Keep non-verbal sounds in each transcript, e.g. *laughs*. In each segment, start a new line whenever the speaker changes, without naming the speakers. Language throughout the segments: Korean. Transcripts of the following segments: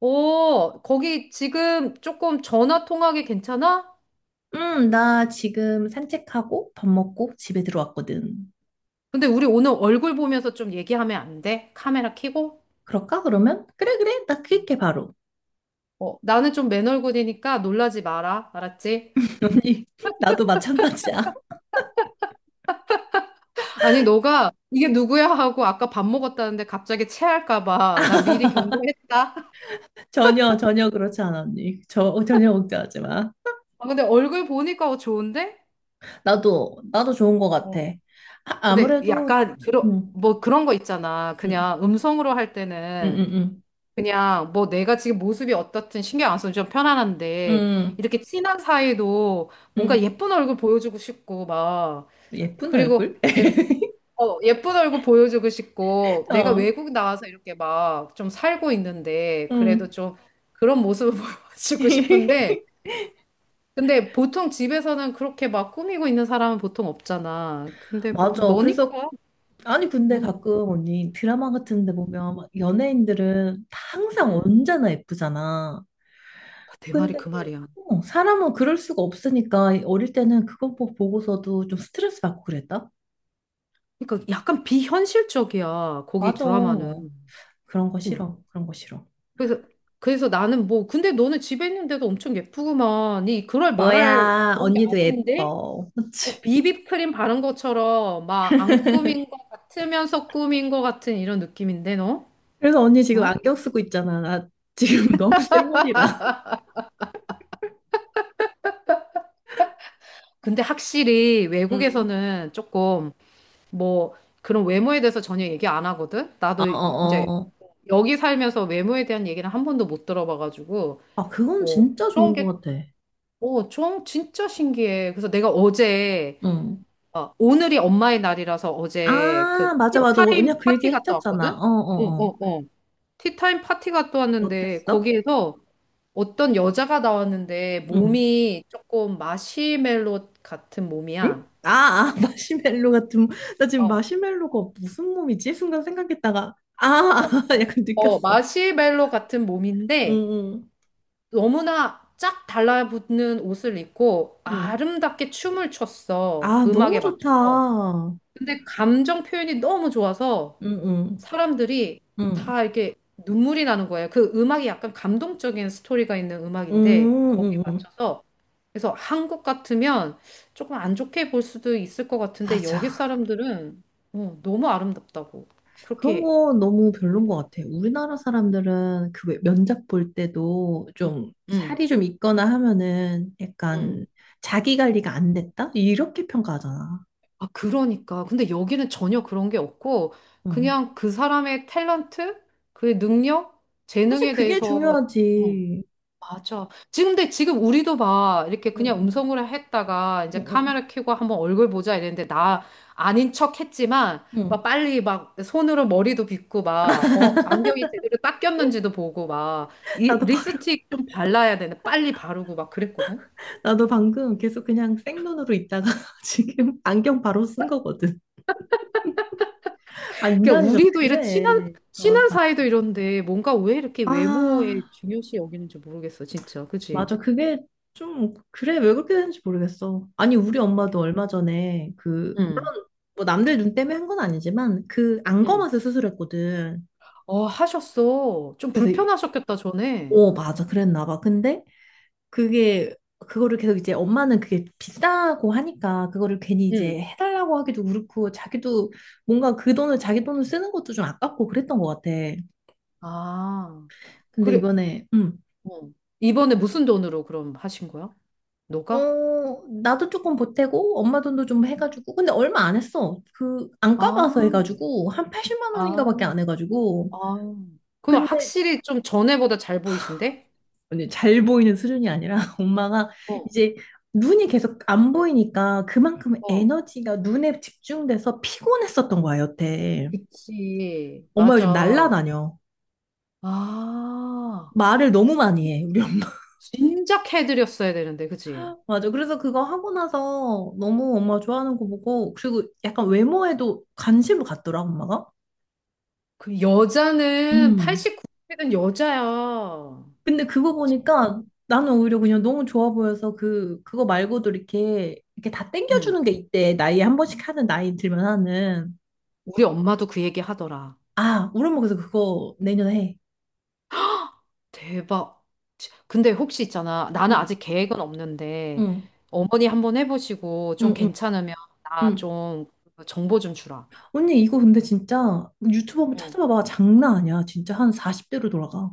어, 거기 지금 조금 전화 통화하기 괜찮아?
나 지금 산책하고 밥 먹고 집에 들어왔거든.
근데 우리 오늘 얼굴 보면서 좀 얘기하면 안 돼? 카메라 켜고?
그럴까, 그러면? 그래, 그래. 나 그렇게 바로.
어, 나는 좀 맨얼굴이니까 놀라지 마라. 알았지? *laughs*
*laughs* 언니, 나도 마찬가지야.
아니, 너가 이게 누구야 하고 아까 밥 먹었다는데 갑자기 체할까 봐. 나 미리 경고했다.
*laughs* 전혀 그렇지 않아, 언니. 전혀 걱정하지 마.
*laughs* 아, 근데 얼굴 보니까 어, 좋은데?
나도 좋은 것 같아.
어.
아,
근데
아무래도,
약간 그런
음,
뭐 그런 거 있잖아.
음,
그냥 음성으로 할
음,
때는
음,
그냥 뭐 내가 지금 모습이 어떻든 신경 안 써도 좀
음,
편안한데
음,
이렇게 친한 사이도 뭔가
음.
예쁜 얼굴 보여주고 싶고 막
예쁜
그리고
얼굴?
내가
*laughs*
어 예쁜 얼굴 보여주고 싶고 내가
어,
외국 나와서 이렇게 막 좀 살고 있는데 그래도
음.
좀 그런 모습을 *laughs* 보여주고
*laughs*
싶은데 근데 보통 집에서는 그렇게 막 꾸미고 있는 사람은 보통 없잖아. 근데 뭐
맞아. 그래서
너니까.
아니 근데
응.
가끔 언니 드라마 같은 데 보면 막 연예인들은 다 항상
응.
언제나 예쁘잖아.
내 말이
근데
그 말이야.
사람은 그럴 수가 없으니까 어릴 때는 그거 보고서도 좀 스트레스 받고 그랬다?
그러니까 약간 비현실적이야. 거기
맞아.
드라마는.
그런 거 싫어. 그런 거 싫어.
그래서 그래서 나는 뭐 근데 너는 집에 있는데도 엄청 예쁘구만. 이 그럴 말할
뭐야,
그런 게
언니도
아닌데
예뻐. 그치?
뭐 비비크림 바른 것처럼 막 안 꾸민 것 같으면서 꾸민 것 같은 이런 느낌인데 너?
그래서 언니 지금
어?
안경 쓰고 있잖아. 나 지금 *laughs* 너무 쌩얼이라.
근데 확실히
응.
외국에서는 조금 뭐 그런 외모에 대해서 전혀 얘기 안 하거든. 나도 이제
어어어.
여기 살면서 외모에 대한 얘기는 한 번도 못 들어봐가지고
아, 그건
뭐
진짜
그런
좋은 것
게
같아.
어, 좀 진짜 신기해. 그래서 내가 어제
응.
어, 오늘이 엄마의 날이라서 어제 그
아, 맞아, 맞아. 언니가
티타임
그 얘기
파티 갔다
했었잖아.
왔거든?
어,
어,
어, 어.
어, 어. 티타임 파티 갔다 왔는데
어땠어?
거기에서 어떤 여자가 나왔는데
응.
몸이 조금 마시멜로 같은
응?
몸이야.
아, 아, *laughs* 마시멜로 같은. 나 지금
어,
마시멜로가 무슨 몸이지? 순간 생각했다가. 아, 아,
어,
*laughs*
뭐,
약간
어,
느꼈어.
마시멜로 같은
응,
몸인데
응.
너무나 쫙 달라붙는 옷을 입고
응.
아름답게 춤을 췄어.
아, 너무
음악에
좋다.
맞춰서.
응,
근데 감정 표현이 너무 좋아서
응.
사람들이
응.
다 이렇게 눈물이 나는 거예요. 그 음악이 약간 감동적인 스토리가 있는
응,
음악인데 거기에
응, 응.
맞춰서 그래서 한국 같으면 조금 안 좋게 볼 수도 있을 것 같은데 여기
맞아.
사람들은 어, 너무 아름답다고
그런
그렇게
거 너무 별론 것
여기더라.
같아. 우리나라 사람들은 그 왜 면접 볼 때도
응,
좀
응,
살이 좀 있거나 하면은 약간
응.
자기 관리가
응.
안 됐다? 이렇게 평가하잖아.
아, 그러니까. 근데 여기는 전혀 그런 게 없고
응.
그냥 그 사람의 탤런트, 그의 능력,
사실
재능에
그게
대해서 어,
중요하지.
맞아. 지금 근데 지금 우리도 막 이렇게 그냥
응,
음성으로 했다가
응,
이제
응.
카메라 켜고 한번 얼굴 보자 이랬는데 나 아닌 척 했지만 막
응.
빨리 막 손으로 머리도 빗고 막 어, 안경이 제대로 딱 꼈는지도 보고 막 이
나도 바로,
립스틱 좀 발라야 되는데 빨리 바르고 막 그랬거든.
*laughs* 나도 방금 계속 그냥 생눈으로 있다가 *laughs* 지금 안경 바로 쓴 거거든. 아,
그러니까
인간이 좀
우리도 이런 친한
그래.
친한
맞아.
사이도 이런데 뭔가 왜 이렇게 외모에
아,
중요시 여기는지 모르겠어, 진짜. 그치?
맞아. 그게 좀, 그래, 왜 그렇게 되는지 모르겠어. 아니, 우리 엄마도 얼마 전에 그,
응.
물론 뭐 남들 눈 때문에 한 건 아니지만 그
응.
안검하수 수술했거든.
어, 하셨어. 좀
그래서
불편하셨겠다, 전에.
오, 맞아. 그랬나 봐. 근데 그거를 계속 이제 엄마는 그게 비싸고 하니까 그거를 괜히 이제
응.
해달라고 하기도 그렇고 자기도 뭔가 그 돈을 자기 돈을 쓰는 것도 좀 아깝고 그랬던 것 같아.
아,
근데
그래.
이번에,
어. 이번에 무슨 돈으로 그럼 하신 거야? 너가?
나도 조금 보태고 엄마 돈도 좀 해가지고 근데 얼마 안 했어 그 안과 가서
아,
해가지고 한 80만 원인가 밖에
아,
안 해가지고
아. 그럼
근데
확실히 좀 전에보다 잘 보이신데?
아니, 잘 보이는 수준이 아니라 *laughs* 엄마가
어,
이제 눈이 계속 안 보이니까 그만큼
어.
에너지가 눈에 집중돼서 피곤했었던 거야 여태
그치.
엄마 요즘
맞아.
날라다녀
아,
말을 너무 많이 해 우리 엄마
진작 해드렸어야 되는데, 그치?
*laughs* 맞아 그래서 그거 하고 나서 너무 엄마 좋아하는 거 보고 그리고 약간 외모에도 관심을 갖더라 엄마가
그 여자는
음
89세는 여자야.
근데 그거
진짜.
보니까 나는 오히려 그냥 너무 좋아 보여서 그거 말고도 이렇게, 이렇게 다
응.
땡겨주는 게 있대. 나이에 한 번씩 하는, 나이 들면 하는.
우리 엄마도 그 얘기 하더라.
아, 우리 엄마 그래서 그거 내년에 해.
대박. 근데 혹시 있잖아. 나는
응.
아직 계획은 없는데,
응,
어머니 한번 해보시고, 좀
응, 응,
괜찮으면 나
응.
좀 그 정보 좀 주라.
언니, 이거 근데 진짜 유튜브 한번
응.
찾아봐봐. 장난 아니야. 진짜 한 40대로 돌아가.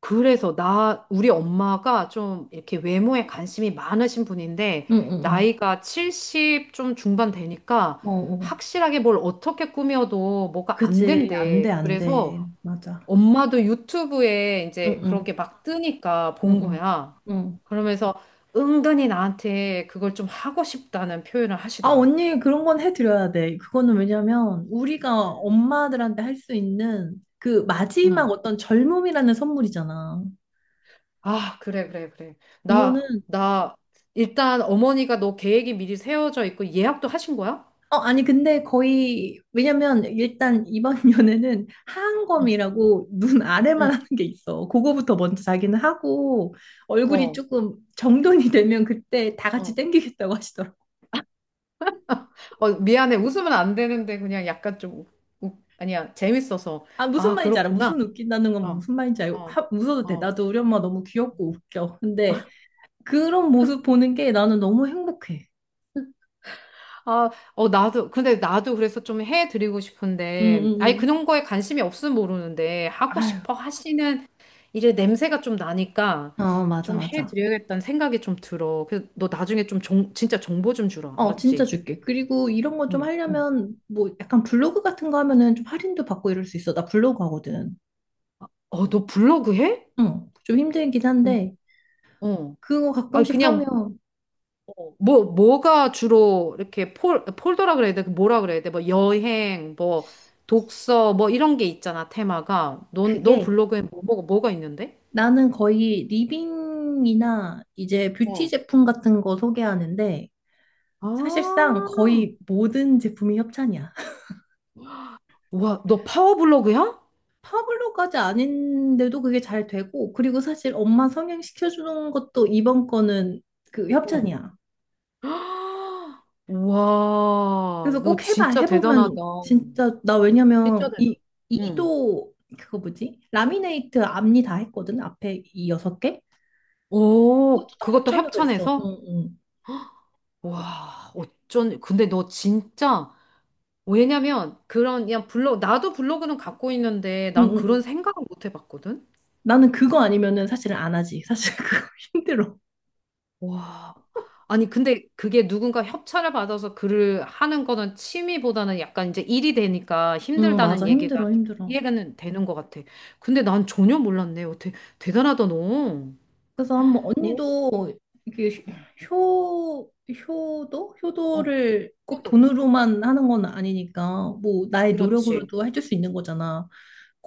그래서 나, 우리 엄마가 좀 이렇게 외모에 관심이 많으신 분인데,
응, 응, 응.
나이가 70 좀 중반 되니까,
어, 어.
확실하게 뭘 어떻게 꾸며도 뭐가 안
그치. 안
된대.
돼, 안
그래서
돼. 맞아.
엄마도 유튜브에
응,
이제 그런
응,
게 막 뜨니까
응,
본
응.
거야.
응.
그러면서 은근히 나한테 그걸 좀 하고 싶다는 표현을
아,
하시더라.
언니, 그런 건 해드려야 돼. 그거는 왜냐면, 우리가
음.
엄마들한테 할 수 있는 그
응.
마지막 어떤 젊음이라는 선물이잖아.
아, 그래, 그래, 그래. 나,
이거는,
나, 일단 어머니가 너 계획이 미리 세워져 있고 예약도 하신 거야?
아니, 근데 거의, 왜냐면, 일단 이번 *laughs* 연애는
응,
하안검이라고 눈 아래만
응.
하는 게 있어. 그거부터 먼저 자기는 하고, 얼굴이
어,
조금 정돈이 되면 그때 다 같이
어.
땡기겠다고 하시더라고.
어, 미안해. 웃으면 안 되는데 그냥 약간 좀, 아니야. 재밌어서.
아, 무슨
아,
말인지 알아.
그렇구나.
무슨 웃긴다는 건
어,
무슨 말인지 알고,
어,
하, 웃어도 돼.
어.
나도 우리 엄마 너무 귀엽고 웃겨. 근데, 그런 모습 보는 게 나는 너무 행복해.
아, 어, 나도, 근데 나도 그래서 좀 해드리고
응,
싶은데,
응,
아니,
응.
그런 거에 관심이 없으면 모르는데, 하고
아유,
싶어 하시는 일의 냄새가 좀 나니까,
어, 맞아,
좀
맞아.
해드려야겠다는 생각이 좀 들어. 그래서 너 나중에 좀 진짜 정보 좀 주라.
어, 진짜
알았지?
줄게. 그리고 이런 거 좀
응, 응.
하려면, 뭐, 약간 블로그 같은 거 하면은 좀 할인도 받고 이럴 수 있어. 나 블로그 하거든.
어, 너 블로그 해?
응, 좀 힘들긴
응,
한데,
어.
그거
아,
가끔씩
그냥,
하면,
어, 뭐, 뭐가 주로 이렇게 폴더라 그래야 돼? 그 뭐라 그래야 돼? 뭐, 여행, 뭐, 독서, 뭐, 이런 게 있잖아, 테마가. 넌, 너
그게
블로그에 뭐, 뭐가 뭐가 있는데?
나는 거의 리빙이나 이제 뷰티
어.
제품 같은 거 소개하는데,
아,
사실상 거의 모든 제품이 협찬이야.
와, 너 파워블로그야?
파블로까지 아닌데도 그게 잘 되고, 그리고 사실 엄마 성형시켜주는 것도 이번 거는 그
응.
협찬이야.
*gasps* 아, 와,
그래서
너
꼭 해봐.
진짜 대단하다.
해보면 진짜, 나
진짜
왜냐면
대단. 응.
이도 그거 뭐지? 라미네이트 앞니 다 했거든. 앞에 이 여섯 개? 그것도
오,
다
그것도
협찬으로 했어.
협찬해서?
응, 응.
와, 어쩐, 근데 너 진짜, 왜냐면, 그런, 그냥 블로그, 나도 블로그는 갖고 있는데,
응,
난
응, 응.
그런
응.
생각을 못 해봤거든?
나는 그거 아니면은 사실은 안 하지. 사실 그거 *laughs* 힘들어.
와. 아니, 근데 그게 누군가 협찬을 받아서 글을 하는 거는 취미보다는 약간 이제 일이 되니까
응, 맞아.
힘들다는 얘기가
힘들어,
좀
힘들어.
이해가 되는 것 같아. 근데 난 전혀 몰랐네. 어떻게 대단하다, 너.
그래서 한번
어?
언니도 이게 효도?
어,
효도를 꼭
그래도
돈으로만 하는 건 아니니까 뭐 나의
그렇지.
노력으로도 해줄 수 있는 거잖아.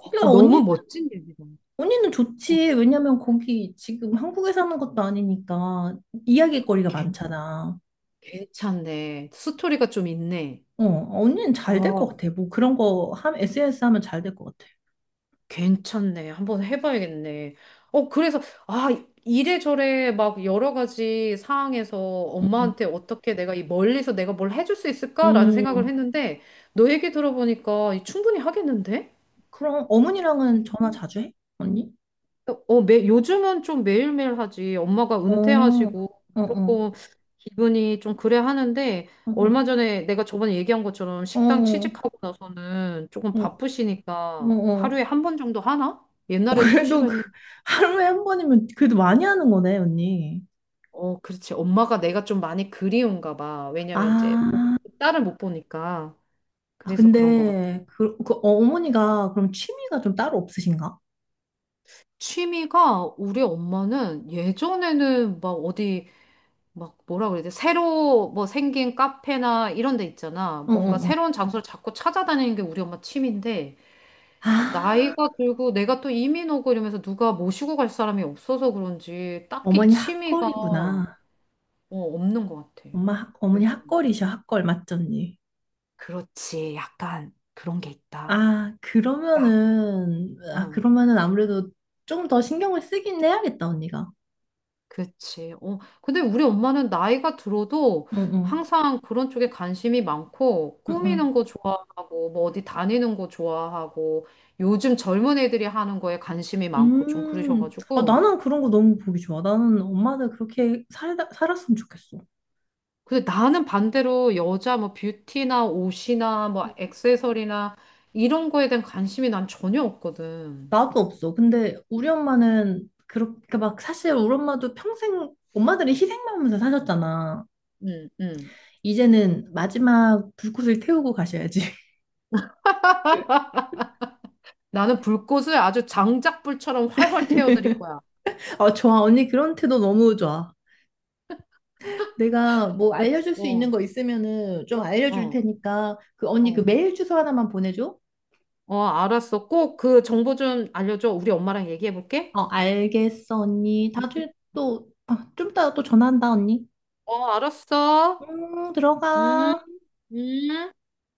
아, 그
언니,
너무 멋진 얘기다.
언니는
어,
좋지. 왜냐면 거기 지금 한국에 사는 것도 아니니까 이야기거리가
괜-
많잖아.
괜찮네. 스토리가 좀 있네.
어, 언니는 잘 될 것
아,
같아. 뭐 그런 거 SNS 하면 잘 될 것 같아.
괜찮네. 한번 해봐야겠네. 어, 그래서, 아, 이래저래 막 여러 가지 상황에서
응, 응.
엄마한테 어떻게 내가 이 멀리서 내가 뭘 해줄 수 있을까라는 생각을
음,
했는데, 너 얘기 들어보니까 이 충분히 하겠는데?
그럼 어머니랑은 전화
음.
자주 해? 언니?
어, 매, 요즘은 좀 매일매일 하지. 엄마가
어, 어,
은퇴하시고
어, 어,
조금 기분이 좀 그래 하는데,
어,
얼마 전에 내가 저번에 얘기한 것처럼
어.
식당
어.
취직하고 나서는 조금
어. 어,
바쁘시니까
어.
하루에 한 번 정도 하나?
어,
옛날에는
그래도
수시로
그,
했는데.
하루에 한 번이면 그래도 많이 하는 거네, 언니.
어, 그렇지. 엄마가 내가 좀 많이 그리운가 봐. 왜냐면 이제
아,
딸을 못 보니까.
아,
그래서 그런 것 같아.
근데 그 어머니가 그럼 취미가 좀 따로 없으신가?
취미가 우리 엄마는 예전에는 막 어디 막 뭐라 그래야 돼? 새로 뭐 생긴 카페나 이런 데 있잖아.
어,
뭔가
어, 어.
새로운 장소를 자꾸 찾아다니는 게 우리 엄마 취미인데
아,
나이가 들고 내가 또 이민 오고 이러면서 누가 모시고 갈 사람이 없어서 그런지 딱히
어머니
취미가 어,
핫걸이구나.
없는 것 같아.
어머니
요즘.
핫걸이셔, 핫걸, 맞죠, 언니?
그렇지. 약간 그런 게 있다.
아, 그러면은, 아,
응,
그러면은 아무래도 좀 더 신경을 쓰긴 해야겠다, 언니가.
그치. 어, 근데 우리 엄마는 나이가 들어도
응, 응,
항상 그런 쪽에 관심이 많고,
응, 응.
꾸미는 거 좋아하고, 뭐 어디 다니는 거 좋아하고, 요즘 젊은 애들이 하는 거에 관심이 많고 좀
아,
그러셔가지고.
나는 그런 거 너무 보기 좋아. 나는 엄마들 그렇게 살았으면 좋겠어.
근데 나는 반대로 여자 뭐 뷰티나 옷이나 뭐 액세서리나 이런 거에 대한 관심이 난 전혀 없거든.
나도 없어. 근데 우리 엄마는 그렇게 막 사실 우리 엄마도 평생 엄마들이 희생하면서 사셨잖아.
응, 응.
이제는 마지막 불꽃을 태우고 가셔야지. *laughs*
나는 불꽃을 아주 장작불처럼 활활 태워드릴 거야.
아, 좋아. 언니 그런 태도 너무 좋아. 내가 뭐
나-
알려줄 수
어,
있는 거 있으면은 좀 알려줄
어,
테니까 그 언니 그
어.
메일 주소 하나만 보내줘.
어, 알았어. 꼭 그 정보 좀 알려줘. 우리 엄마랑 얘기해 볼게.
어, 알겠어, 언니. 다들 또, 아, 좀 이따 또 전화한다, 언니.
어, 알았어.
응, 들어가.
음, 음.